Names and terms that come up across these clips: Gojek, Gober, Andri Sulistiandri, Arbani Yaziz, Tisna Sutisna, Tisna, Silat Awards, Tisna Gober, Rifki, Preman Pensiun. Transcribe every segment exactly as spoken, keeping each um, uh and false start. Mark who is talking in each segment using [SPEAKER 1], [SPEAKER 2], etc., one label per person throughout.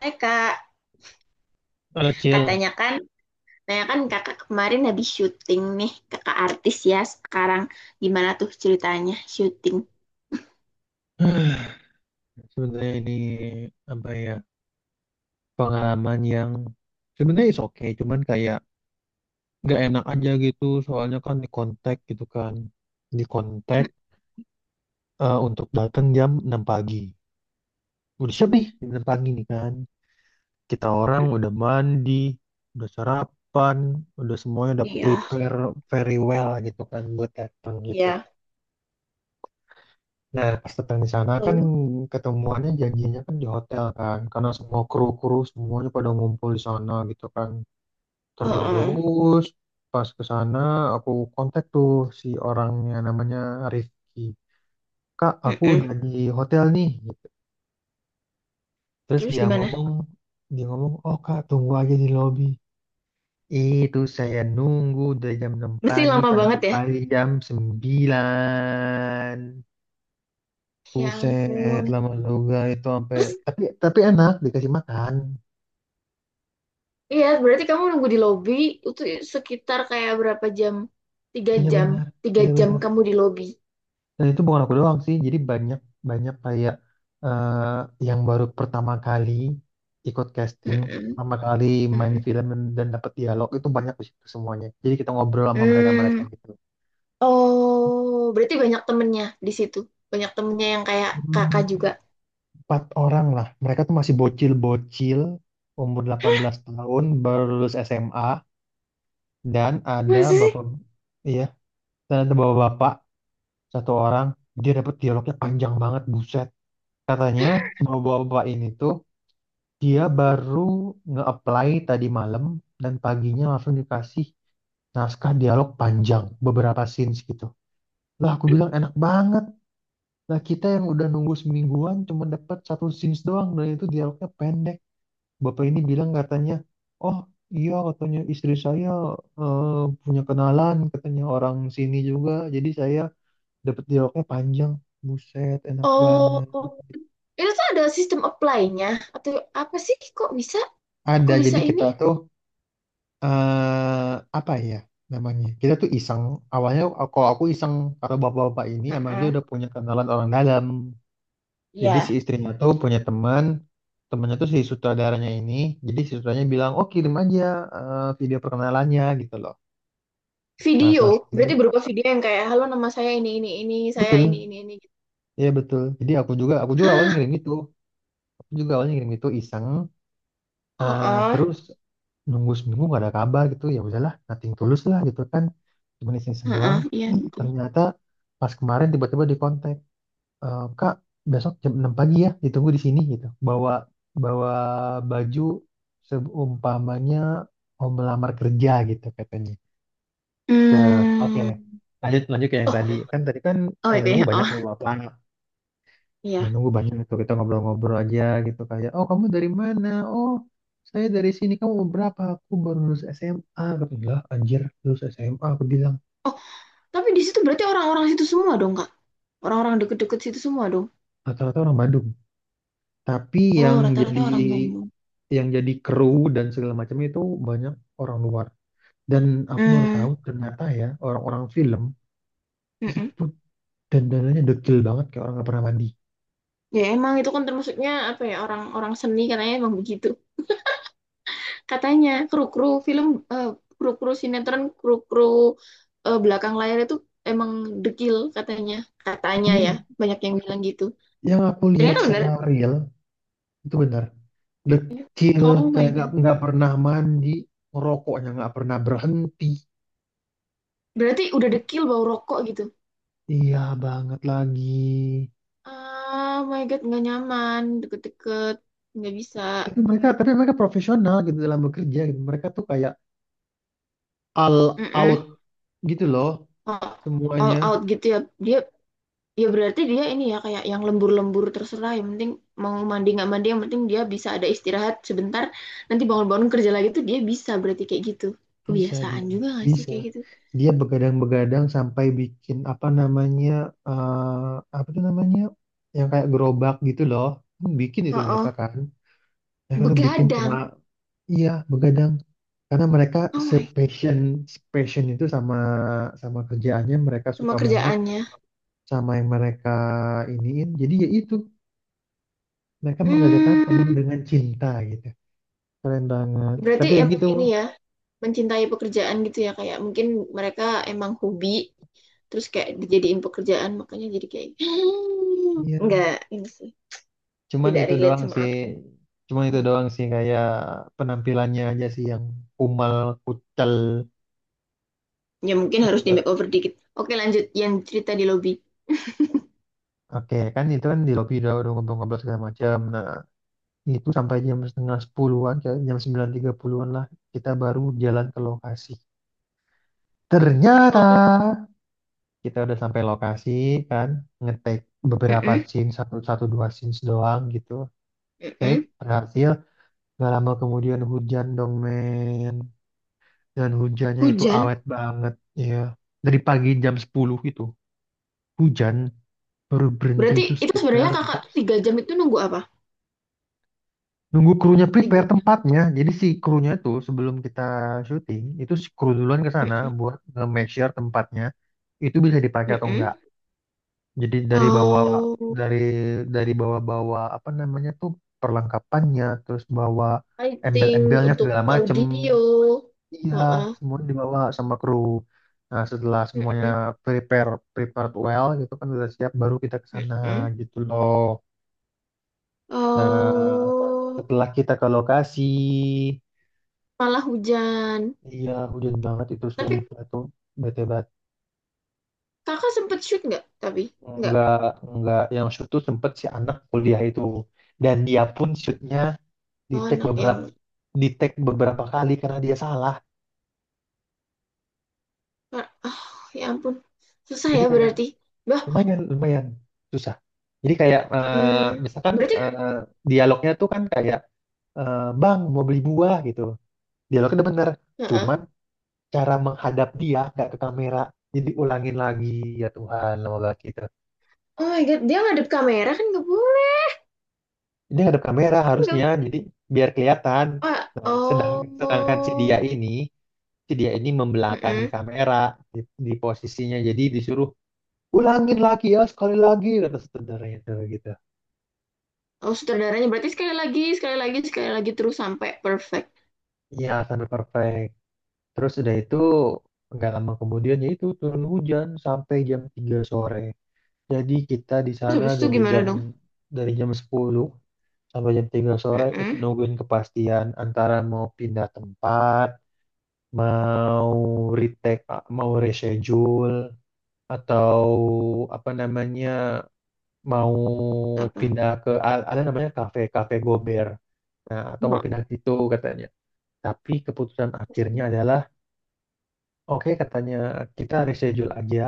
[SPEAKER 1] Hai kak,
[SPEAKER 2] Halo Cil.
[SPEAKER 1] katanya kan, katanya kan kakak kemarin habis syuting nih, kakak artis ya sekarang. Gimana tuh ceritanya syuting?
[SPEAKER 2] Sebenarnya ini apa ya, pengalaman yang sebenarnya is oke cuman kayak nggak enak aja gitu. Soalnya kan di kontak gitu kan, di kontak
[SPEAKER 1] Mm.
[SPEAKER 2] eh, untuk datang jam enam pagi. Udah siap nih jam enam pagi nih kan, kita orang udah mandi, udah sarapan, udah semuanya udah
[SPEAKER 1] Iya,
[SPEAKER 2] prepare very well gitu kan buat datang gitu.
[SPEAKER 1] iya.
[SPEAKER 2] Nah, pas datang di sana kan
[SPEAKER 1] Lalu?
[SPEAKER 2] ketemuannya janjinya kan di hotel kan, karena semua kru-kru semuanya pada ngumpul di sana gitu kan.
[SPEAKER 1] Heeh.
[SPEAKER 2] Terus pas ke sana aku kontak tuh si orangnya, namanya Rifki. Kak, aku
[SPEAKER 1] Mm-mm.
[SPEAKER 2] udah di hotel nih gitu. Terus
[SPEAKER 1] Terus
[SPEAKER 2] dia
[SPEAKER 1] gimana?
[SPEAKER 2] ngomong, dia ngomong, oh kak, tunggu aja di lobby. Itu saya nunggu dari jam enam
[SPEAKER 1] Mesti
[SPEAKER 2] pagi
[SPEAKER 1] lama banget ya?
[SPEAKER 2] sampai jam sembilan.
[SPEAKER 1] Ya
[SPEAKER 2] Buset,
[SPEAKER 1] ampun.
[SPEAKER 2] lama juga itu sampai, tapi tapi enak dikasih makan.
[SPEAKER 1] Iya, berarti kamu nunggu di lobby itu sekitar kayak berapa jam? Tiga
[SPEAKER 2] Iya
[SPEAKER 1] jam.
[SPEAKER 2] benar,
[SPEAKER 1] Tiga
[SPEAKER 2] iya
[SPEAKER 1] jam
[SPEAKER 2] benar.
[SPEAKER 1] kamu di lobby.
[SPEAKER 2] Dan itu bukan aku doang sih, jadi banyak, banyak kayak eh, yang baru pertama kali ikut casting,
[SPEAKER 1] Mm-mm.
[SPEAKER 2] pertama kali main
[SPEAKER 1] Mm-mm.
[SPEAKER 2] film dan, dan dapat dialog itu banyak di situ semuanya. Jadi kita ngobrol sama mereka-mereka
[SPEAKER 1] Hmm.
[SPEAKER 2] gitu.
[SPEAKER 1] Oh, berarti banyak temennya di situ. Banyak temennya yang kayak
[SPEAKER 2] Hmm,
[SPEAKER 1] kakak juga.
[SPEAKER 2] empat orang lah, mereka tuh masih bocil-bocil, umur delapan belas tahun, baru lulus S M A dan ada
[SPEAKER 1] Masa sih?
[SPEAKER 2] bapak, iya, dan ada bapak-bapak satu orang, dia dapat dialognya panjang banget buset. Katanya bapak-bapak ini tuh dia baru nge-apply tadi malam dan paginya langsung dikasih naskah dialog panjang beberapa scenes gitu. Lah aku bilang enak banget, lah kita yang udah nunggu semingguan cuma dapat satu scenes doang dan itu dialognya pendek. Bapak ini bilang katanya, oh iya, katanya istri saya eh, punya kenalan, katanya orang sini juga, jadi saya dapat dialognya panjang. Buset, enak
[SPEAKER 1] Oh,
[SPEAKER 2] banget.
[SPEAKER 1] itu tuh ada sistem apply-nya. Atau apa sih? Kok bisa?
[SPEAKER 2] Ada,
[SPEAKER 1] Kok bisa
[SPEAKER 2] jadi
[SPEAKER 1] ini?
[SPEAKER 2] kita tuh eh apa ya namanya? Kita tuh iseng. Awalnya kalau aku iseng, kalau bapak-bapak ini emang dia
[SPEAKER 1] Heeh.
[SPEAKER 2] udah punya kenalan orang dalam. Jadi si
[SPEAKER 1] Ya.
[SPEAKER 2] istrinya tuh punya teman, temannya tuh si sutradaranya ini. Jadi si sutradaranya bilang, oh kirim aja eh, video perkenalannya gitu loh. Nah
[SPEAKER 1] Video,
[SPEAKER 2] setelah kirim,
[SPEAKER 1] berarti berupa video yang kayak, halo nama saya ini, ini, ini, saya ini,
[SPEAKER 2] betul,
[SPEAKER 1] ini, ini.
[SPEAKER 2] iya betul. Jadi aku juga, aku juga awalnya
[SPEAKER 1] Hah?
[SPEAKER 2] ngirim gitu. Aku juga awalnya ngirim itu iseng.
[SPEAKER 1] Oh,
[SPEAKER 2] Eh,
[SPEAKER 1] oh.
[SPEAKER 2] terus nunggu seminggu nggak ada kabar gitu, ya udahlah, nothing tulus lah gitu kan, cuma iseng-iseng doang.
[SPEAKER 1] Heeh, iya.
[SPEAKER 2] Nih, ternyata pas kemarin tiba-tiba di kontak, "Eh, kak besok jam enam pagi ya, ditunggu di sini gitu, bawa bawa baju seumpamanya mau melamar kerja gitu," katanya. Eh, oke,
[SPEAKER 1] Hmm.
[SPEAKER 2] lanjut lanjut ke yang tadi
[SPEAKER 1] Oh,
[SPEAKER 2] kan, tadi kan
[SPEAKER 1] oh
[SPEAKER 2] yang nunggu
[SPEAKER 1] P P H.
[SPEAKER 2] banyak
[SPEAKER 1] Oh,
[SPEAKER 2] sama bapak. Ya
[SPEAKER 1] iya.
[SPEAKER 2] nunggu banyak itu kita ngobrol-ngobrol aja gitu, kayak oh kamu dari mana, oh saya dari sini, kamu umur berapa, aku baru lulus S M A, aku bilang anjir lulus S M A, aku bilang
[SPEAKER 1] Oh, tapi di situ berarti orang-orang situ semua dong, Kak? Orang-orang deket-deket situ semua dong?
[SPEAKER 2] rata-rata orang Bandung. Tapi yang
[SPEAKER 1] Oh, rata-rata
[SPEAKER 2] jadi,
[SPEAKER 1] orang Bandung.
[SPEAKER 2] yang jadi kru dan segala macam itu banyak orang luar. Dan aku baru
[SPEAKER 1] Hmm.
[SPEAKER 2] tahu ternyata ya, orang-orang film
[SPEAKER 1] Mm-mm.
[SPEAKER 2] itu dandanannya dekil banget, kayak orang nggak pernah mandi.
[SPEAKER 1] Ya emang itu kan termasuknya apa ya orang-orang seni katanya emang begitu. Katanya kru-kru film, eh, kru-kru sinetron, kru-kru, eh, belakang layar itu emang dekil katanya. Katanya ya,
[SPEAKER 2] Iya,
[SPEAKER 1] banyak yang bilang gitu.
[SPEAKER 2] yang aku lihat
[SPEAKER 1] Ternyata bener.
[SPEAKER 2] secara real itu benar. Dekil,
[SPEAKER 1] Oh my
[SPEAKER 2] kayak nggak
[SPEAKER 1] God.
[SPEAKER 2] nggak pernah mandi, ngerokoknya nggak pernah berhenti.
[SPEAKER 1] Berarti udah
[SPEAKER 2] Itu
[SPEAKER 1] dekil bau rokok gitu.
[SPEAKER 2] iya banget lagi.
[SPEAKER 1] Ah, oh my God, nggak nyaman, deket-deket, nggak bisa.
[SPEAKER 2] Tapi mereka tapi mereka profesional gitu dalam bekerja gitu. Mereka tuh kayak all out
[SPEAKER 1] Mm-mm.
[SPEAKER 2] gitu loh,
[SPEAKER 1] All, all
[SPEAKER 2] semuanya.
[SPEAKER 1] out gitu ya. Dia, ya berarti dia ini ya kayak yang lembur-lembur terserah. Yang penting mau mandi nggak mandi, yang penting dia bisa ada istirahat sebentar. Nanti bangun-bangun kerja lagi tuh dia bisa berarti kayak gitu.
[SPEAKER 2] Bisa
[SPEAKER 1] Kebiasaan
[SPEAKER 2] dia,
[SPEAKER 1] juga nggak sih
[SPEAKER 2] bisa.
[SPEAKER 1] kayak gitu?
[SPEAKER 2] Dia begadang-begadang sampai bikin apa namanya, eh, apa tuh namanya, yang kayak gerobak gitu loh. Hmm, bikin itu
[SPEAKER 1] Oh,
[SPEAKER 2] mereka
[SPEAKER 1] oh.
[SPEAKER 2] kan. Mereka tuh bikin tengah.
[SPEAKER 1] Begadang.
[SPEAKER 2] Iya, begadang. Karena mereka
[SPEAKER 1] Oh my,
[SPEAKER 2] sepassion passion itu sama sama kerjaannya, mereka
[SPEAKER 1] sama
[SPEAKER 2] suka banget
[SPEAKER 1] kerjaannya.
[SPEAKER 2] sama yang mereka iniin. Jadi ya itu, mereka mengerjakan penuh
[SPEAKER 1] Hmm,
[SPEAKER 2] dengan cinta gitu. Keren banget.
[SPEAKER 1] berarti
[SPEAKER 2] Tapi ya
[SPEAKER 1] emang
[SPEAKER 2] gitu.
[SPEAKER 1] ini ya. Mencintai pekerjaan gitu ya, kayak mungkin mereka emang hobi terus kayak dijadiin pekerjaan, makanya jadi kayak nggak
[SPEAKER 2] Iya.
[SPEAKER 1] ini sih,
[SPEAKER 2] Cuman
[SPEAKER 1] tidak
[SPEAKER 2] itu
[SPEAKER 1] relate
[SPEAKER 2] doang
[SPEAKER 1] sama
[SPEAKER 2] sih.
[SPEAKER 1] aku.
[SPEAKER 2] Cuman itu doang sih, kayak penampilannya aja sih yang kumal, kucel.
[SPEAKER 1] Ya mungkin
[SPEAKER 2] Itu
[SPEAKER 1] harus di
[SPEAKER 2] do-
[SPEAKER 1] makeover dikit. Oke, lanjut yang cerita di lobby.
[SPEAKER 2] Oke, kan itu kan di lobby udah udah ngobrol-ngobrol segala macam. Nah, itu sampai jam setengah sepuluhan, kayak jam sembilan tiga puluhan lah, kita baru jalan ke lokasi. Ternyata
[SPEAKER 1] Mm-mm.
[SPEAKER 2] kita udah sampai lokasi kan, ngetek beberapa
[SPEAKER 1] Mm-mm,
[SPEAKER 2] scene, satu, satu dua scenes doang gitu, take
[SPEAKER 1] mm-mm.
[SPEAKER 2] berhasil. Gak lama kemudian hujan dong, men, dan hujannya itu
[SPEAKER 1] Hujan.
[SPEAKER 2] awet banget ya. Dari pagi jam sepuluh itu hujan, baru berhenti
[SPEAKER 1] Berarti
[SPEAKER 2] itu
[SPEAKER 1] itu sebenarnya
[SPEAKER 2] sekitar,
[SPEAKER 1] kakak tuh tiga jam itu nunggu apa?
[SPEAKER 2] nunggu krunya
[SPEAKER 1] Tiga.
[SPEAKER 2] prepare tempatnya. Jadi si krunya itu sebelum kita syuting, itu si kru duluan ke sana
[SPEAKER 1] Mm-mm,
[SPEAKER 2] buat nge-make sure tempatnya itu bisa dipakai atau
[SPEAKER 1] mm-mm.
[SPEAKER 2] enggak. Jadi dari bawa,
[SPEAKER 1] Oh,
[SPEAKER 2] dari dari bawa-bawa apa namanya tuh, perlengkapannya, terus bawa
[SPEAKER 1] lighting
[SPEAKER 2] embel-embelnya
[SPEAKER 1] untuk
[SPEAKER 2] segala macem.
[SPEAKER 1] audio.
[SPEAKER 2] Iya,
[SPEAKER 1] Heeh.
[SPEAKER 2] semuanya dibawa sama kru. Nah, setelah semuanya
[SPEAKER 1] Mm-mm,
[SPEAKER 2] prepare prepared well gitu kan, udah siap, baru kita ke sana
[SPEAKER 1] mm-mm.
[SPEAKER 2] gitu loh. Nah,
[SPEAKER 1] Oh,
[SPEAKER 2] setelah kita ke lokasi.
[SPEAKER 1] malah hujan.
[SPEAKER 2] Iya, hujan banget itu
[SPEAKER 1] Tapi
[SPEAKER 2] sumpah tuh. Bete banget.
[SPEAKER 1] kakak sempet shoot nggak? Tapi nggak.
[SPEAKER 2] Nggak, nggak yang shoot tuh sempet si anak kuliah itu. Dan dia pun shootnya di
[SPEAKER 1] Oh
[SPEAKER 2] take
[SPEAKER 1] anak yang
[SPEAKER 2] beberapa, di take beberapa kali karena dia salah.
[SPEAKER 1] ah, ya ampun, susah
[SPEAKER 2] Jadi
[SPEAKER 1] ya
[SPEAKER 2] kayak
[SPEAKER 1] berarti. Bah,
[SPEAKER 2] lumayan, lumayan susah. Jadi kayak eh,
[SPEAKER 1] hmm,
[SPEAKER 2] misalkan
[SPEAKER 1] berarti.
[SPEAKER 2] eh, dialognya tuh kan kayak eh, bang, mau beli buah gitu. Dialognya udah bener.
[SPEAKER 1] Heeh.
[SPEAKER 2] Cuman cara menghadap dia nggak ke kamera. Jadi ulangin lagi. Ya Tuhan, lama banget kita.
[SPEAKER 1] Oh my god, dia ngadep kamera kan nggak boleh,
[SPEAKER 2] Ini ada kamera
[SPEAKER 1] nggak
[SPEAKER 2] harusnya,
[SPEAKER 1] boleh.
[SPEAKER 2] jadi biar kelihatan.
[SPEAKER 1] Wah,
[SPEAKER 2] Nah, sedang, sedangkan si dia
[SPEAKER 1] oh,
[SPEAKER 2] ini, si dia ini membelakangi
[SPEAKER 1] Heeh.
[SPEAKER 2] kamera di, di posisinya, jadi disuruh ulangin lagi, ya sekali lagi, kata saudaranya itu gitu.
[SPEAKER 1] Oh sutradaranya berarti sekali lagi sekali lagi sekali lagi terus sampai perfect.
[SPEAKER 2] Iya sampai perfect. Terus udah itu nggak lama kemudian ya itu turun hujan sampai jam tiga sore. Jadi kita di
[SPEAKER 1] Terus
[SPEAKER 2] sana
[SPEAKER 1] habis itu
[SPEAKER 2] dari
[SPEAKER 1] gimana
[SPEAKER 2] jam
[SPEAKER 1] dong?
[SPEAKER 2] dari jam sepuluh sampai jam tiga sore itu
[SPEAKER 1] Heeh.
[SPEAKER 2] nungguin kepastian antara mau pindah tempat, mau retake, ah, mau reschedule, atau apa namanya, mau
[SPEAKER 1] Apa?
[SPEAKER 2] pindah ke a- ada namanya kafe kafe Gober. Nah, atau mau
[SPEAKER 1] Oh,
[SPEAKER 2] pindah gitu katanya. Tapi keputusan akhirnya adalah, oke katanya, kita reschedule aja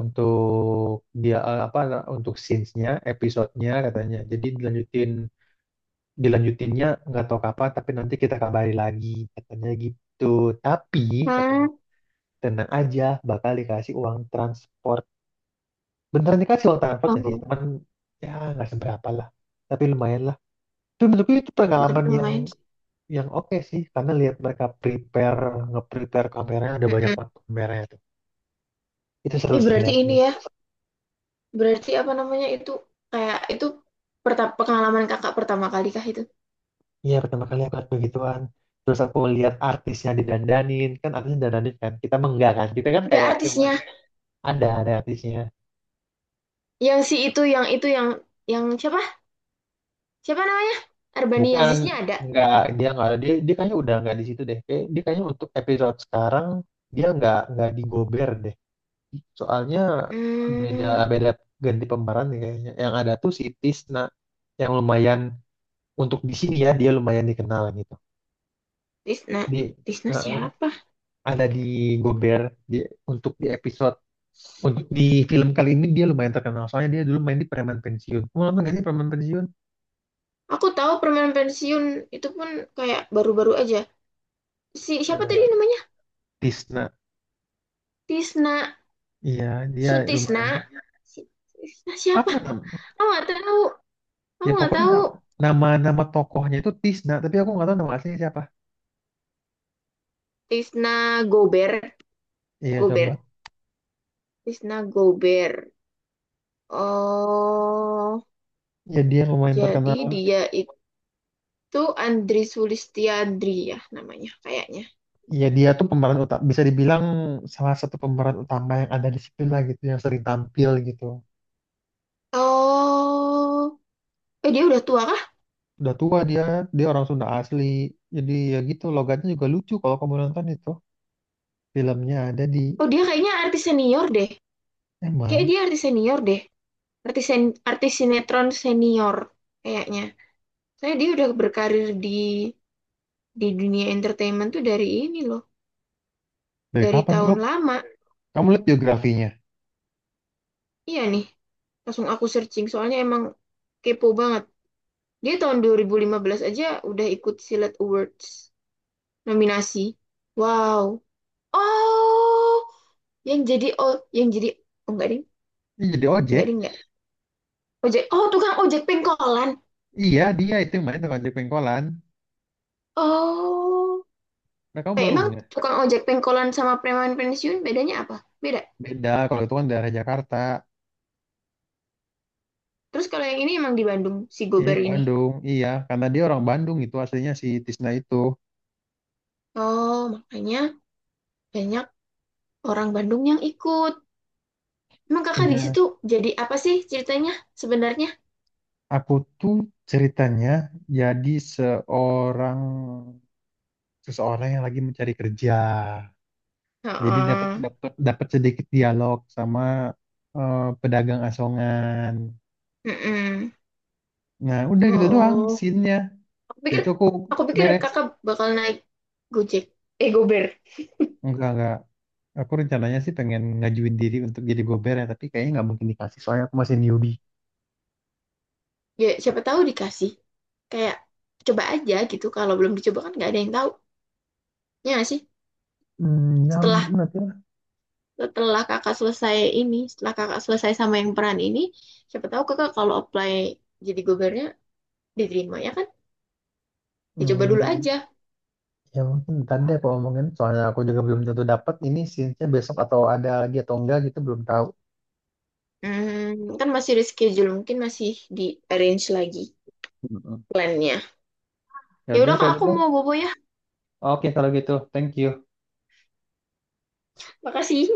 [SPEAKER 2] untuk dia, eh, apa, untuk scenes-nya, episode-nya, katanya. Jadi dilanjutin dilanjutinnya nggak tahu kapan, tapi nanti kita kabari lagi katanya gitu. Tapi katanya tenang aja, bakal dikasih uang transport. Beneran dikasih uang transport gak sih,
[SPEAKER 1] oh,
[SPEAKER 2] teman, ya nggak seberapa lah, tapi lumayan lah. Itu menurutku itu
[SPEAKER 1] ya tapi
[SPEAKER 2] pengalaman yang
[SPEAKER 1] lumayan. Sih.
[SPEAKER 2] yang oke sih, karena lihat mereka prepare nge-prepare kameranya, ada banyak
[SPEAKER 1] Heeh.
[SPEAKER 2] banget kameranya tuh, itu seru
[SPEAKER 1] Eh
[SPEAKER 2] sih
[SPEAKER 1] berarti ini
[SPEAKER 2] liatnya.
[SPEAKER 1] ya. Berarti apa namanya itu, kayak itu, perta- pengalaman kakak pertama kali kah itu?
[SPEAKER 2] Iya pertama kali aku lihat begituan. Terus aku lihat artisnya didandanin kan, artisnya didandanin kan, kita mah enggak kan, kita kan
[SPEAKER 1] Ada
[SPEAKER 2] kayak cuman,
[SPEAKER 1] artisnya
[SPEAKER 2] ada ada artisnya.
[SPEAKER 1] yang si itu yang itu, yang yang siapa? Siapa namanya? Arbani
[SPEAKER 2] Bukan,
[SPEAKER 1] Yaziznya ada.
[SPEAKER 2] nggak, dia nggak ada, dia dia kayaknya udah nggak di situ deh. Kayak- Dia kayaknya untuk episode sekarang dia nggak nggak di Gober deh. Soalnya beda,
[SPEAKER 1] Hmm,
[SPEAKER 2] beda ganti pemeran nih kayaknya. Yang ada tuh si Tisna, yang lumayan untuk di sini ya, dia lumayan dikenal gitu.
[SPEAKER 1] Tisna.
[SPEAKER 2] Di
[SPEAKER 1] Tisna
[SPEAKER 2] nah,
[SPEAKER 1] siapa?
[SPEAKER 2] ada di Gober dia, untuk di episode untuk di film kali ini dia lumayan terkenal soalnya dia dulu main di Preman Pensiun. Mau nonton nggak sih Preman Pensiun?
[SPEAKER 1] Aku tahu permen pensiun itu pun kayak baru-baru aja. Si siapa tadi
[SPEAKER 2] Nah,
[SPEAKER 1] namanya?
[SPEAKER 2] Tisna.
[SPEAKER 1] Tisna
[SPEAKER 2] Iya, dia
[SPEAKER 1] Sutisna.
[SPEAKER 2] lumayan,
[SPEAKER 1] Si, Tisna siapa?
[SPEAKER 2] apa ya?
[SPEAKER 1] Aku nggak tahu. Aku
[SPEAKER 2] Ya
[SPEAKER 1] nggak
[SPEAKER 2] pokoknya
[SPEAKER 1] tahu.
[SPEAKER 2] na- nama nama tokohnya itu Tisna, tapi aku nggak tahu nama aslinya siapa.
[SPEAKER 1] Tisna Gober.
[SPEAKER 2] Iya
[SPEAKER 1] Gober.
[SPEAKER 2] coba.
[SPEAKER 1] Tisna Gober. Oh,
[SPEAKER 2] Ya dia lumayan
[SPEAKER 1] jadi
[SPEAKER 2] terkenal.
[SPEAKER 1] dia itu Andri Sulistiandri ya namanya kayaknya.
[SPEAKER 2] Ya dia tuh pemeran utama, bisa dibilang salah satu pemeran utama yang ada di situ lah gitu, yang sering tampil gitu.
[SPEAKER 1] Oh, eh dia udah tua kah?
[SPEAKER 2] Udah tua dia, dia orang Sunda asli. Jadi ya gitu, logatnya juga lucu kalau kamu nonton itu. Filmnya ada di,
[SPEAKER 1] Oh dia kayaknya artis senior deh. Kayak
[SPEAKER 2] emang,
[SPEAKER 1] dia artis senior deh. Artis sen- artis sinetron senior kayaknya. Saya dia udah berkarir di di dunia entertainment tuh dari ini loh,
[SPEAKER 2] dari
[SPEAKER 1] dari
[SPEAKER 2] kapan kamu,
[SPEAKER 1] tahun lama.
[SPEAKER 2] kamu lihat biografinya?
[SPEAKER 1] Iya nih, langsung aku searching soalnya emang kepo banget. Dia tahun dua ribu lima belas aja udah ikut Silat Awards. Nominasi. Wow. Oh, yang jadi oh, yang jadi oh, enggak ding,
[SPEAKER 2] Iya, jadi ojek.
[SPEAKER 1] enggak ding enggak. Ojek. Oh, tukang ojek pengkolan.
[SPEAKER 2] Iya, dia itu yang main tukang ojek pengkolan.
[SPEAKER 1] Oh.
[SPEAKER 2] Nah, kamu
[SPEAKER 1] Eh,
[SPEAKER 2] baru
[SPEAKER 1] emang
[SPEAKER 2] nggak?
[SPEAKER 1] tukang ojek pengkolan sama preman pensiun bedanya apa? Beda.
[SPEAKER 2] Beda, kalau itu kan daerah Jakarta.
[SPEAKER 1] Terus kalau yang ini emang di Bandung si
[SPEAKER 2] Eh,
[SPEAKER 1] Gober ini.
[SPEAKER 2] Bandung, iya, karena dia orang Bandung itu aslinya, si Tisna itu.
[SPEAKER 1] Oh, makanya banyak orang Bandung yang ikut. Emang kakak di
[SPEAKER 2] Iya,
[SPEAKER 1] situ jadi apa sih ceritanya sebenarnya?
[SPEAKER 2] aku tuh ceritanya jadi seorang seseorang yang lagi mencari kerja. Jadi dapat,
[SPEAKER 1] Heeh.
[SPEAKER 2] dapat dapat sedikit dialog sama eh, pedagang asongan.
[SPEAKER 1] Heeh.
[SPEAKER 2] Nah, udah gitu doang
[SPEAKER 1] Oh,
[SPEAKER 2] scene-nya.
[SPEAKER 1] aku
[SPEAKER 2] Jadi
[SPEAKER 1] pikir
[SPEAKER 2] itu aku
[SPEAKER 1] aku pikir
[SPEAKER 2] beres.
[SPEAKER 1] kakak bakal naik Gojek. Eh, Gober.
[SPEAKER 2] Enggak, enggak. Aku rencananya sih pengen ngajuin diri untuk jadi gober ya, tapi kayaknya nggak mungkin dikasih soalnya aku masih newbie.
[SPEAKER 1] Ya siapa tahu dikasih, kayak coba aja gitu, kalau belum dicoba kan nggak ada yang tahu, ya nggak sih.
[SPEAKER 2] Hmm, ya
[SPEAKER 1] setelah
[SPEAKER 2] mungkin nanti lah.
[SPEAKER 1] setelah kakak selesai ini, setelah kakak selesai sama yang peran ini, siapa tahu kakak kalau apply jadi gubernurnya diterima, ya kan? Dicoba dulu
[SPEAKER 2] Hmm,
[SPEAKER 1] aja.
[SPEAKER 2] ya mungkin ntar deh aku omongin, soalnya aku juga belum tentu dapat ini scene-nya besok atau ada lagi atau enggak gitu, belum tahu.
[SPEAKER 1] Hmm, kan masih reschedule mungkin masih di arrange lagi
[SPEAKER 2] Mm-mm.
[SPEAKER 1] plannya.
[SPEAKER 2] Ya
[SPEAKER 1] Ya
[SPEAKER 2] udah
[SPEAKER 1] udah kak,
[SPEAKER 2] kalau
[SPEAKER 1] aku
[SPEAKER 2] gitu.
[SPEAKER 1] mau bobo ya.
[SPEAKER 2] Oke kalau gitu. Thank you.
[SPEAKER 1] Makasih